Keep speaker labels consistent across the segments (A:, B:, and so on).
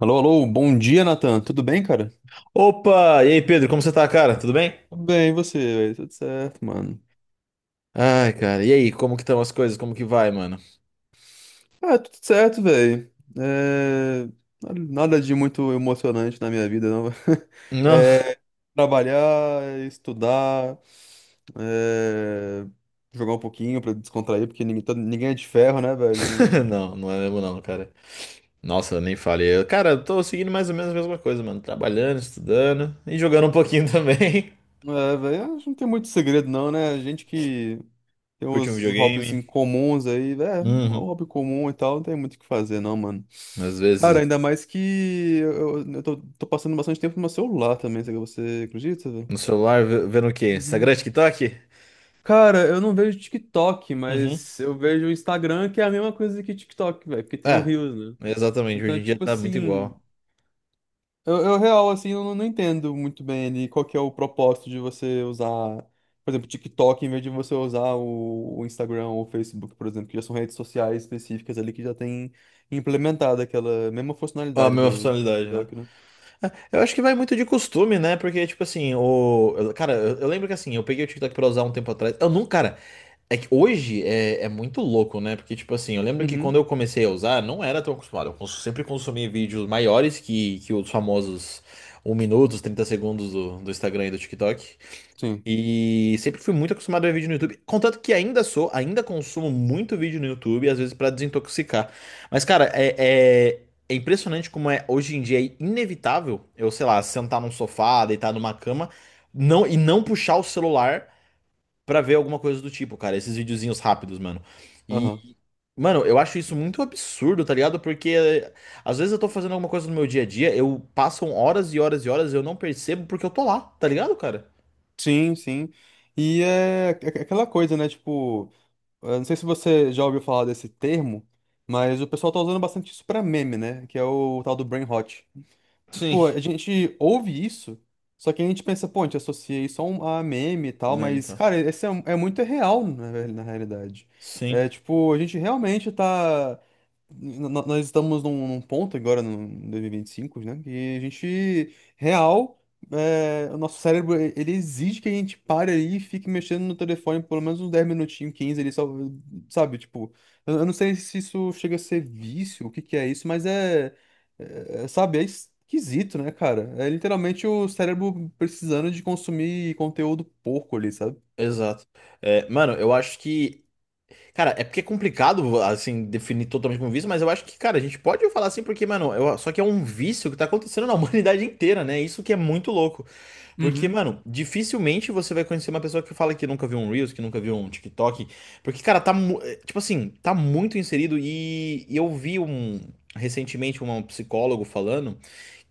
A: Alô, alô, bom dia, Nathan. Tudo bem, cara?
B: Opa! E aí, Pedro, como você tá, cara? Tudo bem?
A: Tudo bem, e você, velho? Tudo certo, mano.
B: Ai, cara, e aí, como que estão as coisas? Como que vai, mano?
A: Ah, tudo certo, velho. É... Nada de muito emocionante na minha vida, não.
B: Não,
A: É... Trabalhar, estudar, é... jogar um pouquinho pra descontrair, porque ninguém é de ferro, né, velho? Não,
B: não, não é mesmo não, cara. Nossa, eu nem falei. Cara, eu tô seguindo mais ou menos a mesma coisa, mano. Trabalhando, estudando e jogando um pouquinho também.
A: não... É, velho, acho que não tem muito segredo, não, né? Gente que tem
B: Curti um
A: uns hobbies
B: videogame.
A: incomuns aí, é, um
B: Uhum.
A: hobby comum e tal, não tem muito o que fazer, não, mano.
B: Às
A: Cara,
B: vezes,
A: ainda mais que eu tô passando bastante tempo no meu celular também, sabe? Você acredita, velho?
B: no celular, vendo o quê?
A: Uhum.
B: Instagram, TikTok?
A: Cara, eu não vejo TikTok,
B: Uhum.
A: mas eu vejo o Instagram, que é a mesma coisa que TikTok, velho, porque tem o
B: É,
A: Reels, né?
B: exatamente. Hoje
A: Então,
B: em dia
A: tipo
B: tá muito
A: assim.
B: igual.
A: Eu real, assim, eu não, Não entendo muito bem ali qual que é o propósito de você usar, por exemplo, TikTok em vez de você usar o Instagram ou o Facebook, por exemplo, que já são redes sociais específicas ali que já tem implementado aquela mesma
B: A
A: funcionalidade
B: mesma
A: do
B: funcionalidade,
A: do
B: né?
A: TikTok, né?
B: Eu acho que vai muito de costume, né? Porque, tipo assim, cara, eu lembro que assim, eu peguei o TikTok pra usar um tempo atrás. Eu não, cara, é que hoje é muito louco, né? Porque, tipo assim, eu lembro que quando
A: Uhum,
B: eu comecei a usar, não era tão acostumado. Eu sempre consumi vídeos maiores que os famosos um minuto, os 30 segundos do Instagram e do TikTok.
A: sim.
B: E sempre fui muito acostumado a ver vídeo no YouTube. Contanto que ainda sou, ainda consumo muito vídeo no YouTube, às vezes pra desintoxicar. Mas, cara, é impressionante como é hoje em dia é inevitável eu, sei lá, sentar num sofá, deitar numa cama, não e não puxar o celular pra ver alguma coisa do tipo, cara. Esses videozinhos rápidos, mano. E,
A: Aham.
B: mano, eu acho isso muito absurdo, tá ligado? Porque às vezes eu tô fazendo alguma coisa no meu dia a dia, eu passam horas e horas e horas e eu não percebo porque eu tô lá, tá ligado, cara?
A: Sim, sim. Aquela coisa, né? Tipo, eu não sei se você já ouviu falar desse termo, mas o pessoal tá usando bastante isso pra meme, né? Que é o tal do brain rot.
B: Sim.
A: Tipo, a gente ouve isso, só que a gente pensa, pô, a gente associa isso a, um, a meme e tal,
B: Meme,
A: mas,
B: tá?
A: cara, é muito real, na realidade. É,
B: Sim,
A: tipo, a gente realmente nós estamos num ponto agora, no 2025, né? Que a gente, real, é, o nosso ele exige que a gente pare ali e fique mexendo no telefone pelo menos uns 10 minutinhos, 15, ali, só, sabe? Tipo, eu não sei se isso chega a ser vício, o que que é isso, mas é, sabe? É esquisito, né, cara? É literalmente o cérebro precisando de consumir conteúdo porco ali, sabe?
B: exato. É, mano, eu acho que. Cara, é porque é complicado, assim, definir totalmente como vício, mas eu acho que, cara, a gente pode falar assim, porque, mano, só que é um vício que tá acontecendo na humanidade inteira, né? Isso que é muito louco. Porque,
A: Uhum.
B: mano, dificilmente você vai conhecer uma pessoa que fala que nunca viu um Reels, que nunca viu um TikTok. Porque, cara, tá. É, tipo assim, tá muito inserido e eu vi um. Recentemente, um psicólogo falando,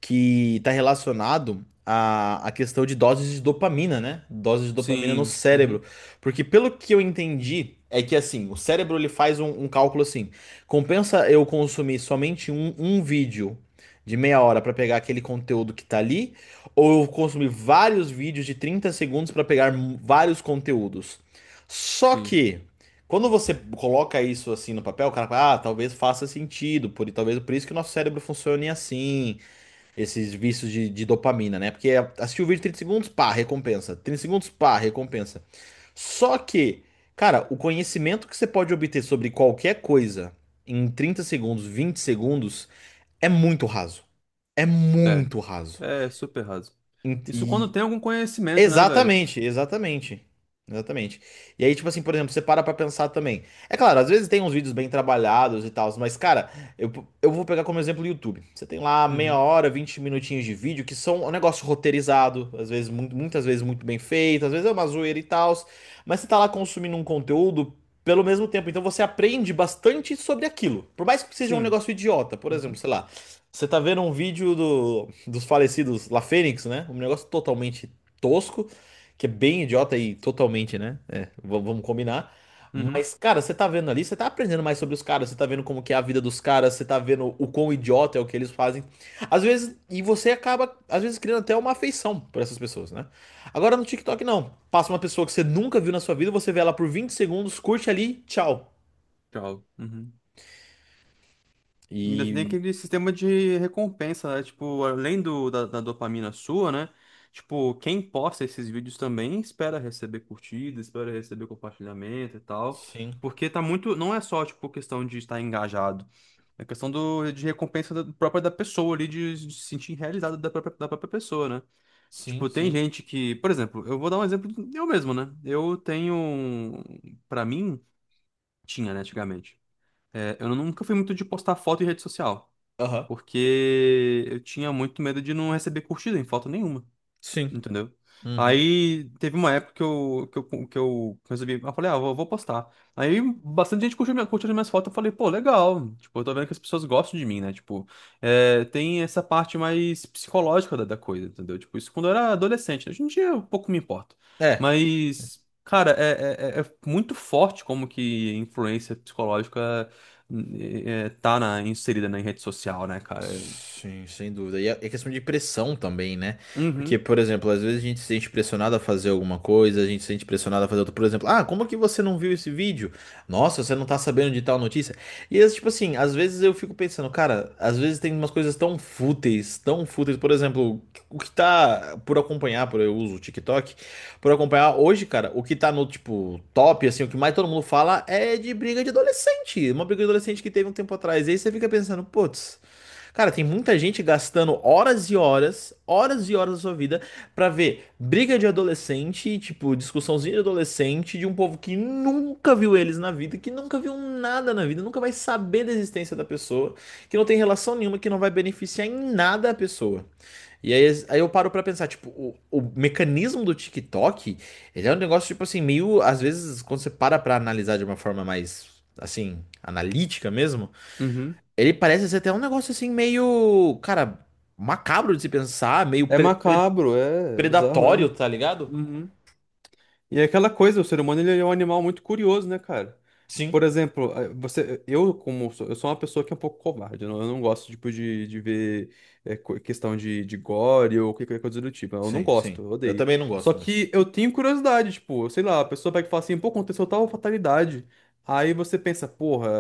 B: que está relacionado à questão de doses de dopamina, né? Doses de dopamina no
A: Sim,
B: cérebro.
A: uhum.
B: Porque pelo que eu entendi, é que assim, o cérebro ele faz um cálculo assim: compensa eu consumir somente um vídeo de meia hora para pegar aquele conteúdo que tá ali, ou eu consumir vários vídeos de 30 segundos para pegar vários conteúdos. Só
A: Sim.
B: que. Quando você coloca isso assim no papel, o cara fala, ah, talvez faça sentido, talvez por isso que o nosso cérebro funcione assim, esses vícios de dopamina, né? Porque é, assistir o vídeo 30 segundos, pá, recompensa. 30 segundos, pá, recompensa. Só que, cara, o conhecimento que você pode obter sobre qualquer coisa em 30 segundos, 20 segundos, é muito raso. É muito raso.
A: É, super raso. Isso quando
B: E
A: tem algum conhecimento, né, velho?
B: exatamente, exatamente. Exatamente. E aí, tipo assim, por exemplo, você para pra pensar também. É claro, às vezes tem uns vídeos bem trabalhados e tal, mas, cara, eu, eu vou pegar como exemplo o YouTube. Você tem lá meia
A: Uhum.
B: hora, 20 minutinhos de vídeo que são um negócio roteirizado, às vezes, muito, muitas vezes muito bem feito, às vezes é uma zoeira e tal, mas você tá lá consumindo um conteúdo pelo mesmo tempo, então você aprende bastante sobre aquilo. Por mais que seja um
A: Sim.
B: negócio idiota, por exemplo,
A: Uhum.
B: sei lá. Você tá vendo um vídeo do, dos falecidos La Fênix, né? Um negócio totalmente tosco, que é bem idiota e totalmente, né? É, vamos combinar.
A: Uhum.
B: Mas, cara, você tá vendo ali, você tá aprendendo mais sobre os caras, você tá vendo como que é a vida dos caras, você tá vendo o quão idiota é o que eles fazem. Às vezes, e você acaba, às vezes, criando até uma afeição por essas pessoas, né? Agora no TikTok, não. Passa uma pessoa que você nunca viu na sua vida, você vê ela por 20 segundos, curte ali, tchau.
A: Tchau. Uhum. Ainda tem
B: E.
A: aquele sistema de recompensa, né? Tipo, além da dopamina sua, né? Tipo, quem posta esses vídeos também espera receber curtida, espera receber compartilhamento e tal.
B: Sim,
A: Porque tá muito. Não é só, tipo, questão de estar engajado. É questão do, de recompensa da- própria da pessoa ali, de se sentir realizado da própria pessoa, né?
B: sim,
A: Tipo, tem
B: sim.
A: gente que, por exemplo, eu vou dar um exemplo de- eu mesmo, né? Eu tenho, um- Pra mim, tinha, né, antigamente. É, eu nunca fui muito de postar foto em rede social,
B: Aham.
A: porque eu tinha muito medo de não receber curtida em foto nenhuma.
B: Sim.
A: Entendeu?
B: Uhum.
A: Aí teve uma época que eu resolvi. Eu falei, ah, vou postar. Aí bastante gente curtiu, minha, curtiu as minhas fotos. Eu falei, pô, legal. Tipo, eu tô vendo que as pessoas gostam de mim, né? Tipo, é, tem essa parte mais psicológica da coisa, entendeu? Tipo, isso quando eu era adolescente, né? Hoje em dia eu pouco me importo.
B: É.
A: Mas, cara, é muito forte como que influência psicológica tá inserida na rede social, né, cara?
B: Sim, sem dúvida. E é questão de pressão também, né? Porque,
A: Uhum,
B: por exemplo, às vezes a gente se sente pressionado a fazer alguma coisa, a gente se sente pressionado a fazer outra. Por exemplo, ah, como que você não viu esse vídeo? Nossa, você não tá sabendo de tal notícia? E, tipo assim, às vezes eu fico pensando, cara, às vezes tem umas coisas tão fúteis, tão fúteis. Por exemplo, o que tá por acompanhar, por eu uso o TikTok, por acompanhar hoje, cara, o que tá no, tipo, top, assim, o que mais todo mundo fala é de briga de adolescente. Uma briga de adolescente que teve um tempo atrás. E aí você fica pensando, putz. Cara, tem muita gente gastando horas e horas da sua vida pra ver briga de adolescente, tipo, discussãozinha de adolescente de um povo que nunca viu eles na vida, que nunca viu nada na vida, nunca vai saber da existência da pessoa, que não tem relação nenhuma, que não vai beneficiar em nada a pessoa. E aí, aí eu paro pra pensar, tipo, o mecanismo do TikTok, ele é um negócio, tipo assim, meio, às vezes, quando você para pra analisar de uma forma mais, assim, analítica mesmo,
A: uhum.
B: ele parece ser até um negócio assim meio, cara, macabro de se pensar, meio
A: É macabro, é é bizarro
B: predatório,
A: mesmo.
B: tá ligado?
A: Uhum. E é aquela coisa, o ser humano ele é um animal muito curioso, né, cara?
B: Sim,
A: Por exemplo, eu eu sou uma pessoa que é um pouco covarde, eu não gosto tipo de ver questão de gore ou qualquer coisa do tipo. Eu não
B: sim, sim.
A: gosto, eu
B: Eu
A: odeio.
B: também não
A: Só
B: gosto mais.
A: que eu tenho curiosidade, tipo, sei lá, a pessoa pega e fala assim, pô, aconteceu tal fatalidade. Aí você pensa, porra,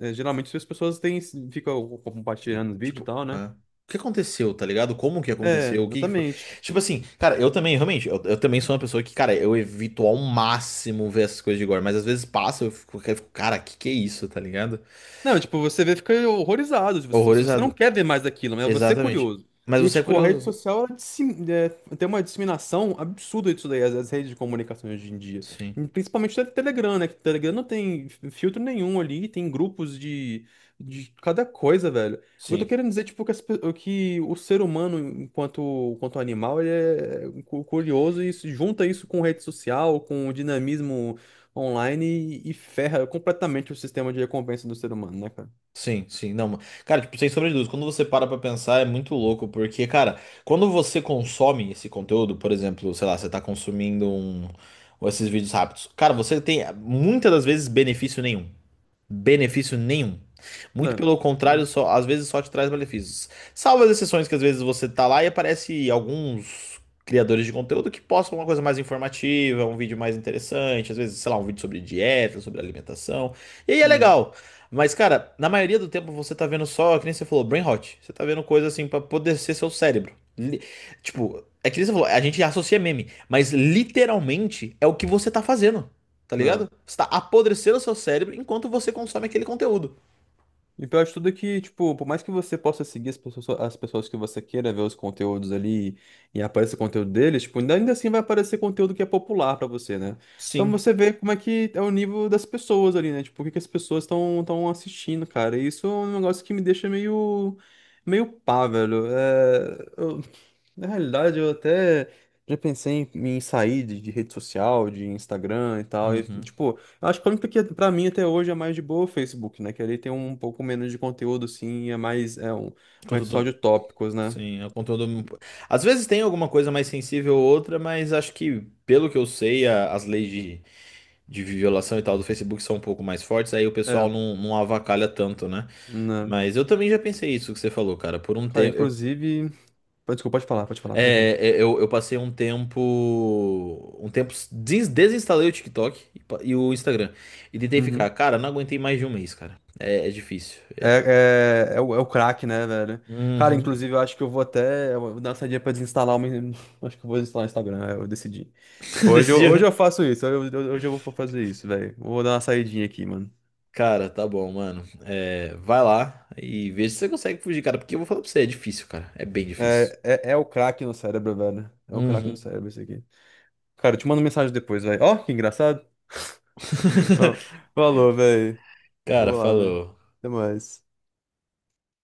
A: geralmente as pessoas têm, ficam compartilhando vídeo e
B: Tipo,
A: tal, né?
B: hã? O que aconteceu, tá ligado? Como que
A: É,
B: aconteceu? O que que foi?
A: exatamente.
B: Tipo assim, cara, eu também, realmente, eu também sou uma pessoa que, cara, eu evito ao máximo ver essas coisas de gore, mas às vezes passa, eu fico, cara, que é isso, tá ligado?
A: Não, tipo, você vê, fica horrorizado, tipo, se você não
B: Horrorizado.
A: quer ver mais daquilo, mas você é
B: Exatamente.
A: curioso.
B: Mas
A: E,
B: você é
A: tipo, a rede
B: curioso.
A: social, tem uma disseminação absurda disso daí, as redes de comunicação hoje em dia.
B: Sim.
A: E principalmente o Telegram, né? Que o Telegram não tem filtro nenhum ali, tem grupos de cada coisa, velho. Eu tô
B: Sim.
A: querendo dizer, tipo, que o ser humano, enquanto animal, curioso e isso- junta isso com rede social, com o dinamismo online e ferra completamente o sistema de recompensa do ser humano, né, cara?
B: Sim, sim, não. Cara, tipo, sem sombra de dúvidas, quando você para pra pensar é muito louco, porque, cara, quando você consome esse conteúdo, por exemplo, sei lá, você tá consumindo um, ou esses vídeos rápidos, cara, você tem muitas das vezes benefício nenhum benefício nenhum. Muito
A: Né?
B: pelo contrário,
A: Uhum.
B: só, às vezes só te traz malefícios. Salvo as exceções que às vezes você tá lá e aparece alguns criadores de conteúdo que postam uma coisa mais informativa, um vídeo mais interessante, às vezes, sei lá, um vídeo sobre dieta, sobre alimentação. E aí é
A: Uhum.
B: legal. Mas, cara, na maioria do tempo você tá vendo só, que nem você falou, brain rot. Você tá vendo coisa assim pra apodrecer seu cérebro. Li- Tipo, é que nem você falou, a gente associa meme, mas literalmente é o que você tá fazendo. Tá
A: Né?
B: ligado? Você tá apodrecendo o seu cérebro enquanto você consome aquele conteúdo.
A: E pior de tudo é que, tipo, por mais que você possa seguir as pessoas que você queira ver os conteúdos ali e apareça conteúdo deles, tipo, ainda assim vai aparecer conteúdo que é popular pra você, né? Então
B: Sim.
A: você vê como é que é o nível das pessoas ali, né? Tipo, o que que as pessoas estão assistindo, cara. E isso é um negócio que me deixa meio pá, velho. É, eu na realidade, eu até já pensei em, em sair de rede social, de Instagram e tal. E,
B: Uhum.
A: tipo, eu acho que a única que pra mim até hoje é mais de boa é o Facebook, né? Que ali tem um pouco menos de conteúdo, sim, e é mais, é um, uma rede social
B: Conteúdo.
A: de tópicos, né?
B: Sim, é o conteúdo. Às vezes tem alguma coisa mais sensível ou outra, mas acho que, pelo que eu sei, as leis de violação e tal do Facebook são um pouco mais fortes, aí o pessoal
A: É,
B: não, não avacalha tanto, né?
A: né?
B: Mas eu também já pensei isso que você falou, cara. Por um
A: Cara,
B: tempo,
A: inclusive, pô, desculpa, pode falar, perdão.
B: é, é, eu passei um tempo. Um tempo. Desinstalei o TikTok e o Instagram. E tentei ficar.
A: Uhum.
B: Cara, não aguentei mais de um mês, cara. É difícil.
A: É o crack, né, velho? Cara,
B: Uhum.
A: inclusive, eu acho que eu vou dar uma saidinha pra desinstalar o meu. Acho que eu vou desinstalar o Instagram, é, eu decidi.
B: Desse
A: Hoje eu
B: dia.
A: hoje eu vou fazer isso, velho. Vou dar uma saidinha aqui, mano.
B: Cara, tá bom, mano. É, vai lá e veja se você consegue fugir, cara. Porque eu vou falar pra você, é difícil, cara. É bem difícil.
A: É o crack no cérebro, velho. É o crack no
B: Uhum.
A: cérebro esse aqui. Cara, eu te mando mensagem depois, velho. Ó, que engraçado. Ó, falou, velho.
B: Cara,
A: Vou lá, velho.
B: falou.
A: Até mais.